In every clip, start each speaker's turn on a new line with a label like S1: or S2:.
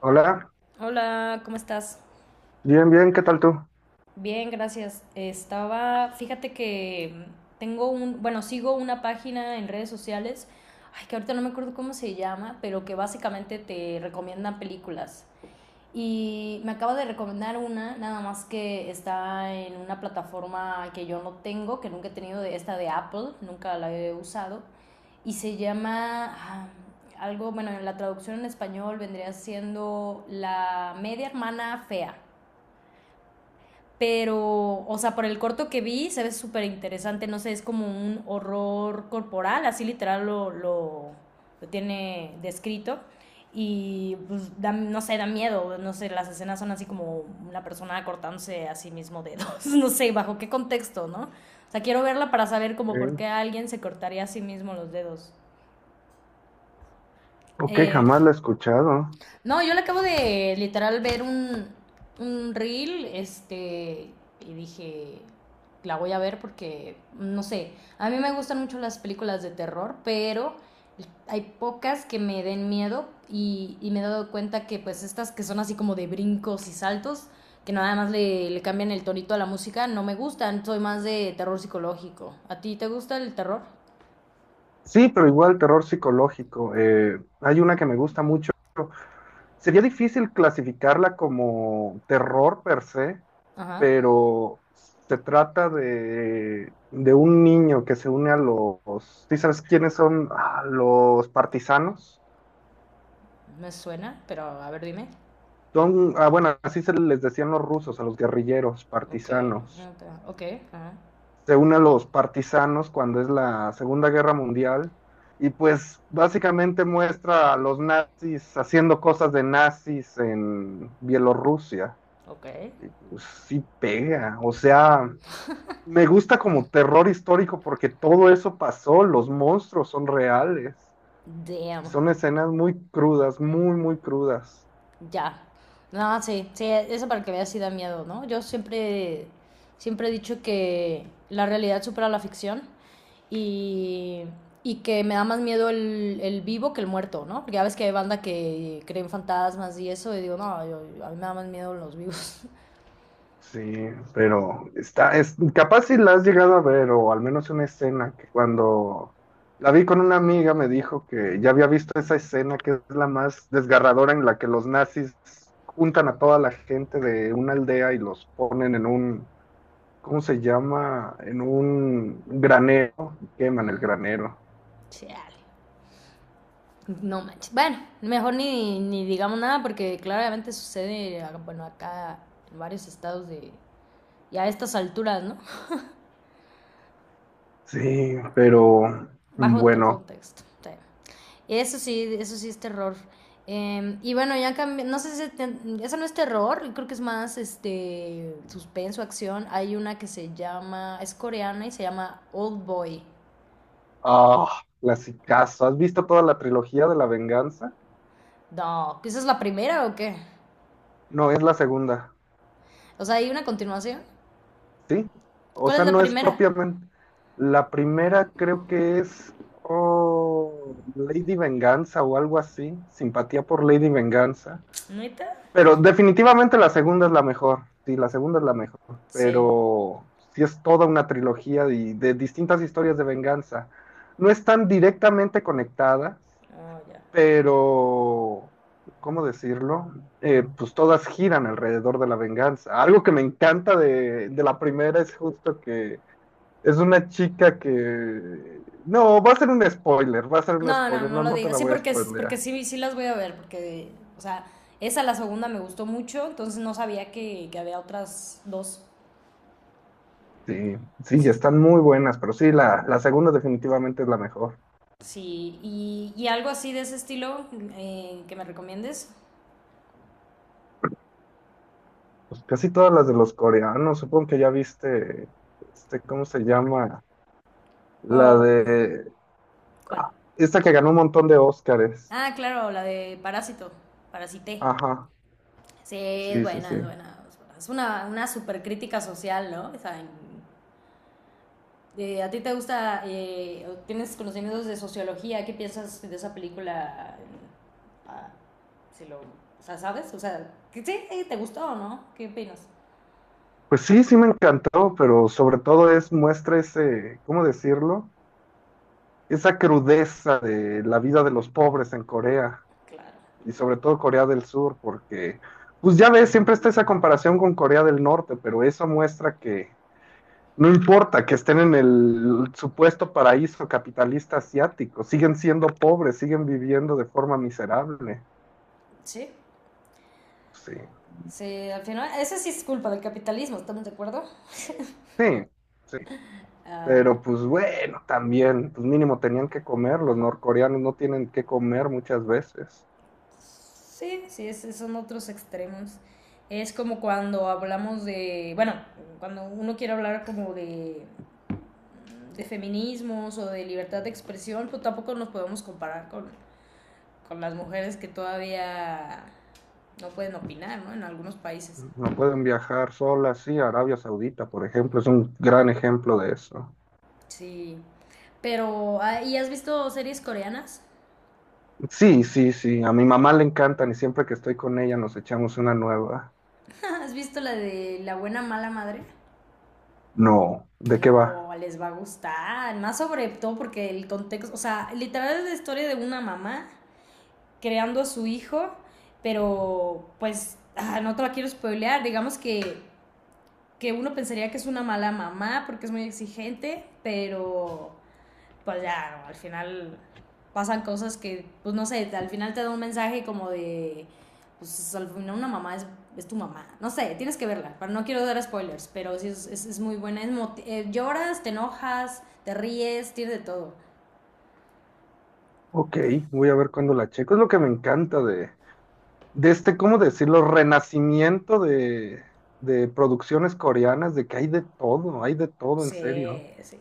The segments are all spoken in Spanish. S1: Hola,
S2: Hola, ¿cómo estás?
S1: bien, bien, ¿qué tal tú?
S2: Bien, gracias. Estaba, fíjate que bueno, sigo una página en redes sociales, ay, que ahorita no me acuerdo cómo se llama, pero que básicamente te recomiendan películas. Y me acaba de recomendar una, nada más que está en una plataforma que yo no tengo, que nunca he tenido, de esta de Apple, nunca la he usado, y se llama algo, bueno, en la traducción en español vendría siendo La media hermana fea. Pero, o sea, por el corto que vi, se ve súper interesante. No sé, es como un horror corporal, así literal lo tiene descrito. Y pues, no sé, da miedo. No sé, las escenas son así como una persona cortándose a sí mismo dedos. No sé, bajo qué contexto, ¿no? O sea, quiero verla para saber como por
S1: Ok.
S2: qué alguien se cortaría a sí mismo los dedos.
S1: Ok,
S2: Eh,
S1: jamás la he escuchado.
S2: No, yo le acabo de literal ver un reel, este, y dije, la voy a ver porque, no sé, a mí me gustan mucho las películas de terror, pero hay pocas que me den miedo y me he dado cuenta que pues estas que son así como de brincos y saltos, que nada más le cambian el tonito a la música, no me gustan, soy más de terror psicológico. ¿A ti te gusta el terror?
S1: Sí, pero igual terror psicológico. Hay una que me gusta mucho. Sería difícil clasificarla como terror per se,
S2: Ajá,
S1: pero se trata de un niño que se une a los... ¿Sí sabes quiénes son? Ah, los partisanos.
S2: me suena, pero a ver, dime.
S1: Son, ah, bueno, así se les decían los rusos, a los guerrilleros
S2: Ok,
S1: partisanos.
S2: ok, ajá.
S1: Se une a los partisanos cuando es la Segunda Guerra Mundial y pues básicamente muestra a los nazis haciendo cosas de nazis en Bielorrusia.
S2: Ok.
S1: Pues sí pega, o sea, me gusta como terror histórico porque todo eso pasó, los monstruos son reales,
S2: Damn.
S1: son escenas muy crudas, muy, muy crudas.
S2: Ya. No, sí, sí, eso para que veas si da miedo, ¿no? Yo siempre, siempre he dicho que la realidad supera la ficción y, y que me da más miedo el vivo que el muerto, ¿no? Porque ya ves que hay banda que cree en fantasmas y eso y digo, no, a mí me da más miedo los vivos.
S1: Sí, pero está, es, capaz si la has llegado a ver, o al menos una escena que cuando la vi con una amiga me dijo que ya había visto esa escena que es la más desgarradora en la que los nazis juntan a toda la gente de una aldea y los ponen en un, ¿cómo se llama? En un granero, y queman el granero.
S2: Chale. No manches. Bueno, mejor ni digamos nada porque claramente sucede, bueno, acá en varios estados de... Y a estas alturas, ¿no?
S1: Sí, pero
S2: Bajo otro
S1: bueno,
S2: contexto. Sí. Eso sí, eso sí es terror. Y bueno, ya cambié, no sé si eso no es terror, creo que es más este suspenso, acción. Hay una que se llama, es coreana y se llama Old Boy.
S1: ah, clasicazo. ¿Has visto toda la trilogía de la venganza?
S2: No, ¿esa es la primera o qué?
S1: No, es la segunda.
S2: O sea, hay una continuación.
S1: Sí, o
S2: ¿Cuál es
S1: sea,
S2: la
S1: no es
S2: primera?
S1: propiamente. La primera creo que es oh, Lady Venganza o algo así, simpatía por Lady Venganza.
S2: ¿Neta?
S1: Pero definitivamente la segunda es la mejor, sí, la segunda es la mejor.
S2: Sí.
S1: Pero sí es toda una trilogía de distintas historias de venganza. No están directamente conectadas,
S2: Oh, ya.
S1: pero, ¿cómo decirlo? Pues todas giran alrededor de la venganza. Algo que me encanta de la primera es justo que es una chica que... No, va a ser un spoiler, va a ser un
S2: No, no,
S1: spoiler,
S2: no
S1: no,
S2: lo
S1: no te
S2: digas.
S1: la
S2: Sí,
S1: voy a
S2: porque, porque
S1: spoilear.
S2: sí, sí las voy a ver, porque, o sea, esa la segunda me gustó mucho, entonces no sabía que había otras dos.
S1: Sí, sí,
S2: Sí,
S1: están muy buenas, pero sí, la segunda definitivamente es la mejor.
S2: sí, y algo así de ese estilo que me recomiendes.
S1: Pues casi todas las de los coreanos, supongo que ya viste, este, ¿cómo se llama? La
S2: O,
S1: de...
S2: ¿cuál?
S1: ah, esta que ganó un montón de Óscares.
S2: Ah, claro, la de Parásito, Parasité.
S1: Ajá.
S2: Sí, es
S1: Sí, sí,
S2: buena,
S1: sí.
S2: es buena. Es una super crítica social, ¿no? O sea, de, ¿a ti te gusta, tienes conocimientos de sociología? ¿Qué piensas de esa película? Ah, si lo, o sea, ¿sabes? O sea, sí, ¿te gustó o no? ¿Qué opinas?
S1: Pues sí, sí me encantó, pero sobre todo es muestra ese, ¿cómo decirlo? Esa crudeza de la vida de los pobres en Corea
S2: Claro.
S1: y sobre todo Corea del Sur, porque pues ya ves, siempre está esa comparación con Corea del Norte, pero eso muestra que no importa que estén en el supuesto paraíso capitalista asiático, siguen siendo pobres, siguen viviendo de forma miserable.
S2: Sí.
S1: Sí,
S2: Sí, al final, esa sí es culpa del capitalismo, ¿estamos de acuerdo?
S1: sí, sí.
S2: Ah,
S1: Pero pues bueno, también, pues mínimo tenían que comer, los norcoreanos no tienen que comer muchas veces,
S2: sí, sí, son otros extremos. Es como cuando hablamos de, bueno, cuando uno quiere hablar como de feminismos o de libertad de expresión, pues tampoco nos podemos comparar con las mujeres que todavía no pueden opinar, ¿no? En algunos países.
S1: no pueden viajar solas, sí, a Arabia Saudita, por ejemplo, es un gran ejemplo de eso.
S2: Sí. Pero, ¿y has visto series coreanas?
S1: Sí, sí, sí, a mi mamá le encantan y siempre que estoy con ella nos echamos una nueva.
S2: ¿Has visto la de La buena mala madre?
S1: No, ¿de qué
S2: No,
S1: va?
S2: les va a gustar. Más sobre todo porque el contexto, o sea, literal es la historia de una mamá creando a su hijo, pero pues no te la quiero spoilear. Digamos que uno pensaría que es una mala mamá porque es muy exigente, pero pues ya, ¿no? Al final pasan cosas que, pues no sé, al final te da un mensaje como de, pues al final una mamá es tu mamá. No sé, tienes que verla, pero no quiero dar spoilers, pero sí es muy buena. Lloras, te enojas, te ríes, tienes de todo.
S1: Ok, voy a ver cuándo la checo, es lo que me encanta de este, ¿cómo decirlo? Renacimiento de producciones coreanas, de que hay de todo, en serio.
S2: Sí, sí.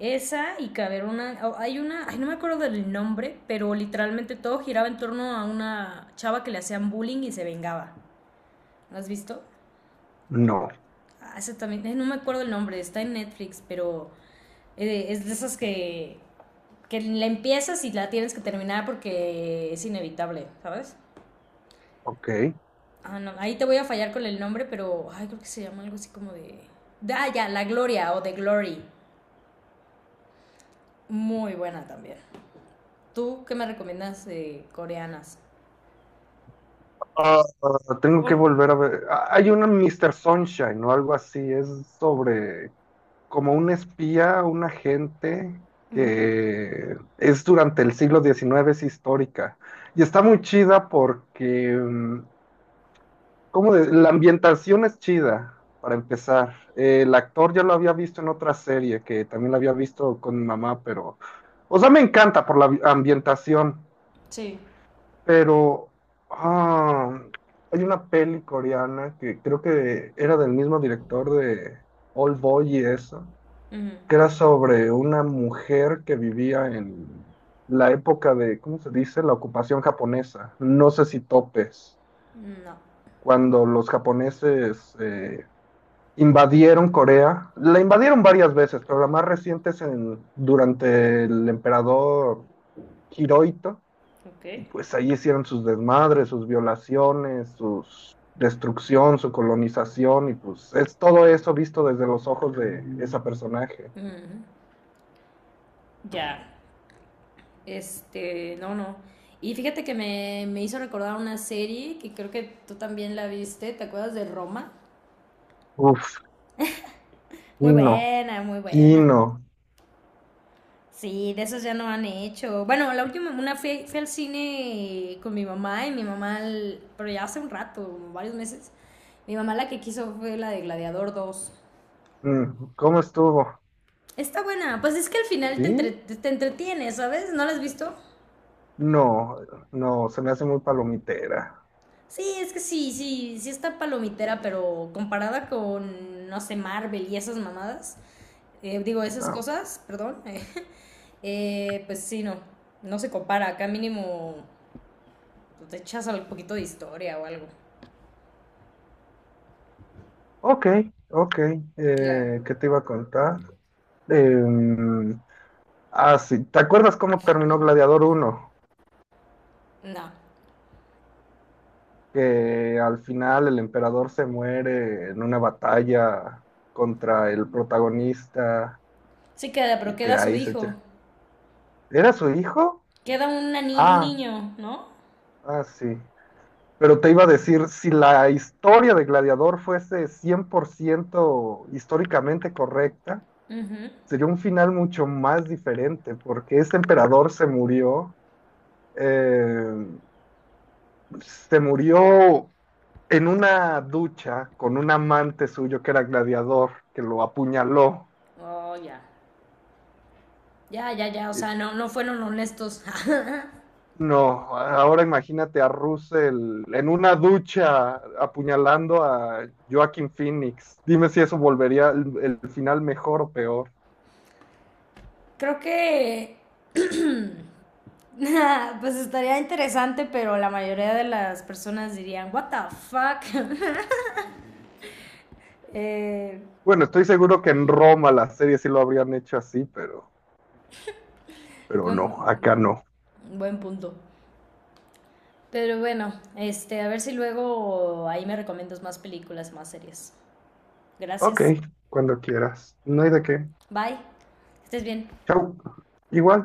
S2: Esa y que haber una, oh, hay una, ay, no me acuerdo del nombre, pero literalmente todo giraba en torno a una chava que le hacían bullying y se vengaba. ¿Lo has visto?
S1: No,
S2: Ah, esa también, no me acuerdo el nombre, está en Netflix, pero es de esas que la empiezas y la tienes que terminar porque es inevitable, ¿sabes?
S1: ok.
S2: Ah, no, ahí te voy a fallar con el nombre, pero ay, creo que se llama algo así como de... ya, La Gloria o The Glory. Muy buena también. ¿Tú qué me recomiendas de coreanas?
S1: Ah, tengo que volver a ver. Ah, hay una Mr. Sunshine o algo así. Es sobre como un espía, un agente que es durante el siglo XIX, es histórica. Y está
S2: Ok.
S1: muy chida porque, ¿cómo de- la ambientación es chida, para empezar. El actor ya lo había visto en otra serie, que también lo había visto con mi mamá, pero... O sea, me encanta por la ambientación.
S2: Sí.
S1: Pero ah, hay una peli coreana que creo que era del mismo director de Old Boy y eso,
S2: Ujú.
S1: que era sobre una mujer que vivía en la época de, ¿cómo se dice? La ocupación japonesa. No sé si topes.
S2: No.
S1: Cuando los japoneses invadieron Corea, la invadieron varias veces, pero la más reciente es en, durante el emperador Hirohito,
S2: Ok.
S1: y pues ahí hicieron sus desmadres, sus violaciones, su destrucción, su colonización, y pues es todo eso visto desde los ojos de esa personaje.
S2: Ujú. Ya. Este, no, no. Y fíjate que me hizo recordar una serie que creo que tú también la viste, ¿te acuerdas de Roma?
S1: Uf,
S2: Muy
S1: Kino,
S2: buena, muy buena.
S1: Kino.
S2: Sí, de esas ya no han hecho. Bueno, la última, una fui al cine con mi mamá y mi mamá, pero ya hace un rato, varios meses. Mi mamá la que quiso fue la de Gladiador II.
S1: Mm, ¿cómo estuvo?
S2: Está buena, pues es que al final
S1: ¿Sí?
S2: te, te entretiene, ¿sabes? ¿No la has visto?
S1: No, no, se me hace muy palomitera.
S2: Sí, es que sí, sí, sí está palomitera, pero comparada con, no sé, Marvel y esas mamadas, digo, esas
S1: Ah,
S2: cosas, perdón, pues sí, no, no se compara. Acá mínimo pues, te echas un poquito de historia o algo.
S1: ok, ok,
S2: La-
S1: ¿qué te iba a contar? Em, ah, sí, ¿te acuerdas cómo terminó Gladiador uno,
S2: no,
S1: que al final el emperador se muere en una batalla contra el protagonista
S2: sí queda, pero
S1: y que
S2: queda su
S1: ahí se
S2: hijo.
S1: echa. ¿Era su hijo?
S2: Queda una un
S1: Ah,
S2: niño, ¿no?
S1: ah, sí. Pero te iba a decir, si la historia de Gladiador fuese 100% históricamente correcta,
S2: Ujú.
S1: sería un final mucho más diferente, porque ese emperador eh, se murió en una ducha con un amante suyo que era gladiador, que lo apuñaló.
S2: Oh, ya. Ya, ya, ya, o
S1: Eh,
S2: sea, no, no fueron honestos.
S1: No, ahora imagínate a Russell en una ducha apuñalando a Joaquin Phoenix. Dime si eso volvería el final mejor o peor.
S2: Creo que pues estaría interesante, pero la mayoría de las personas dirían, what the fuck. Eh,
S1: Bueno, estoy seguro que en Roma la serie sí lo habrían hecho así, pero no, acá
S2: buen,
S1: no.
S2: buen punto. Pero bueno, este, a ver si luego ahí me recomiendas más películas, más series.
S1: Ok,
S2: Gracias.
S1: cuando quieras. No hay de qué.
S2: Bye. Estés bien.
S1: Chau. Igual.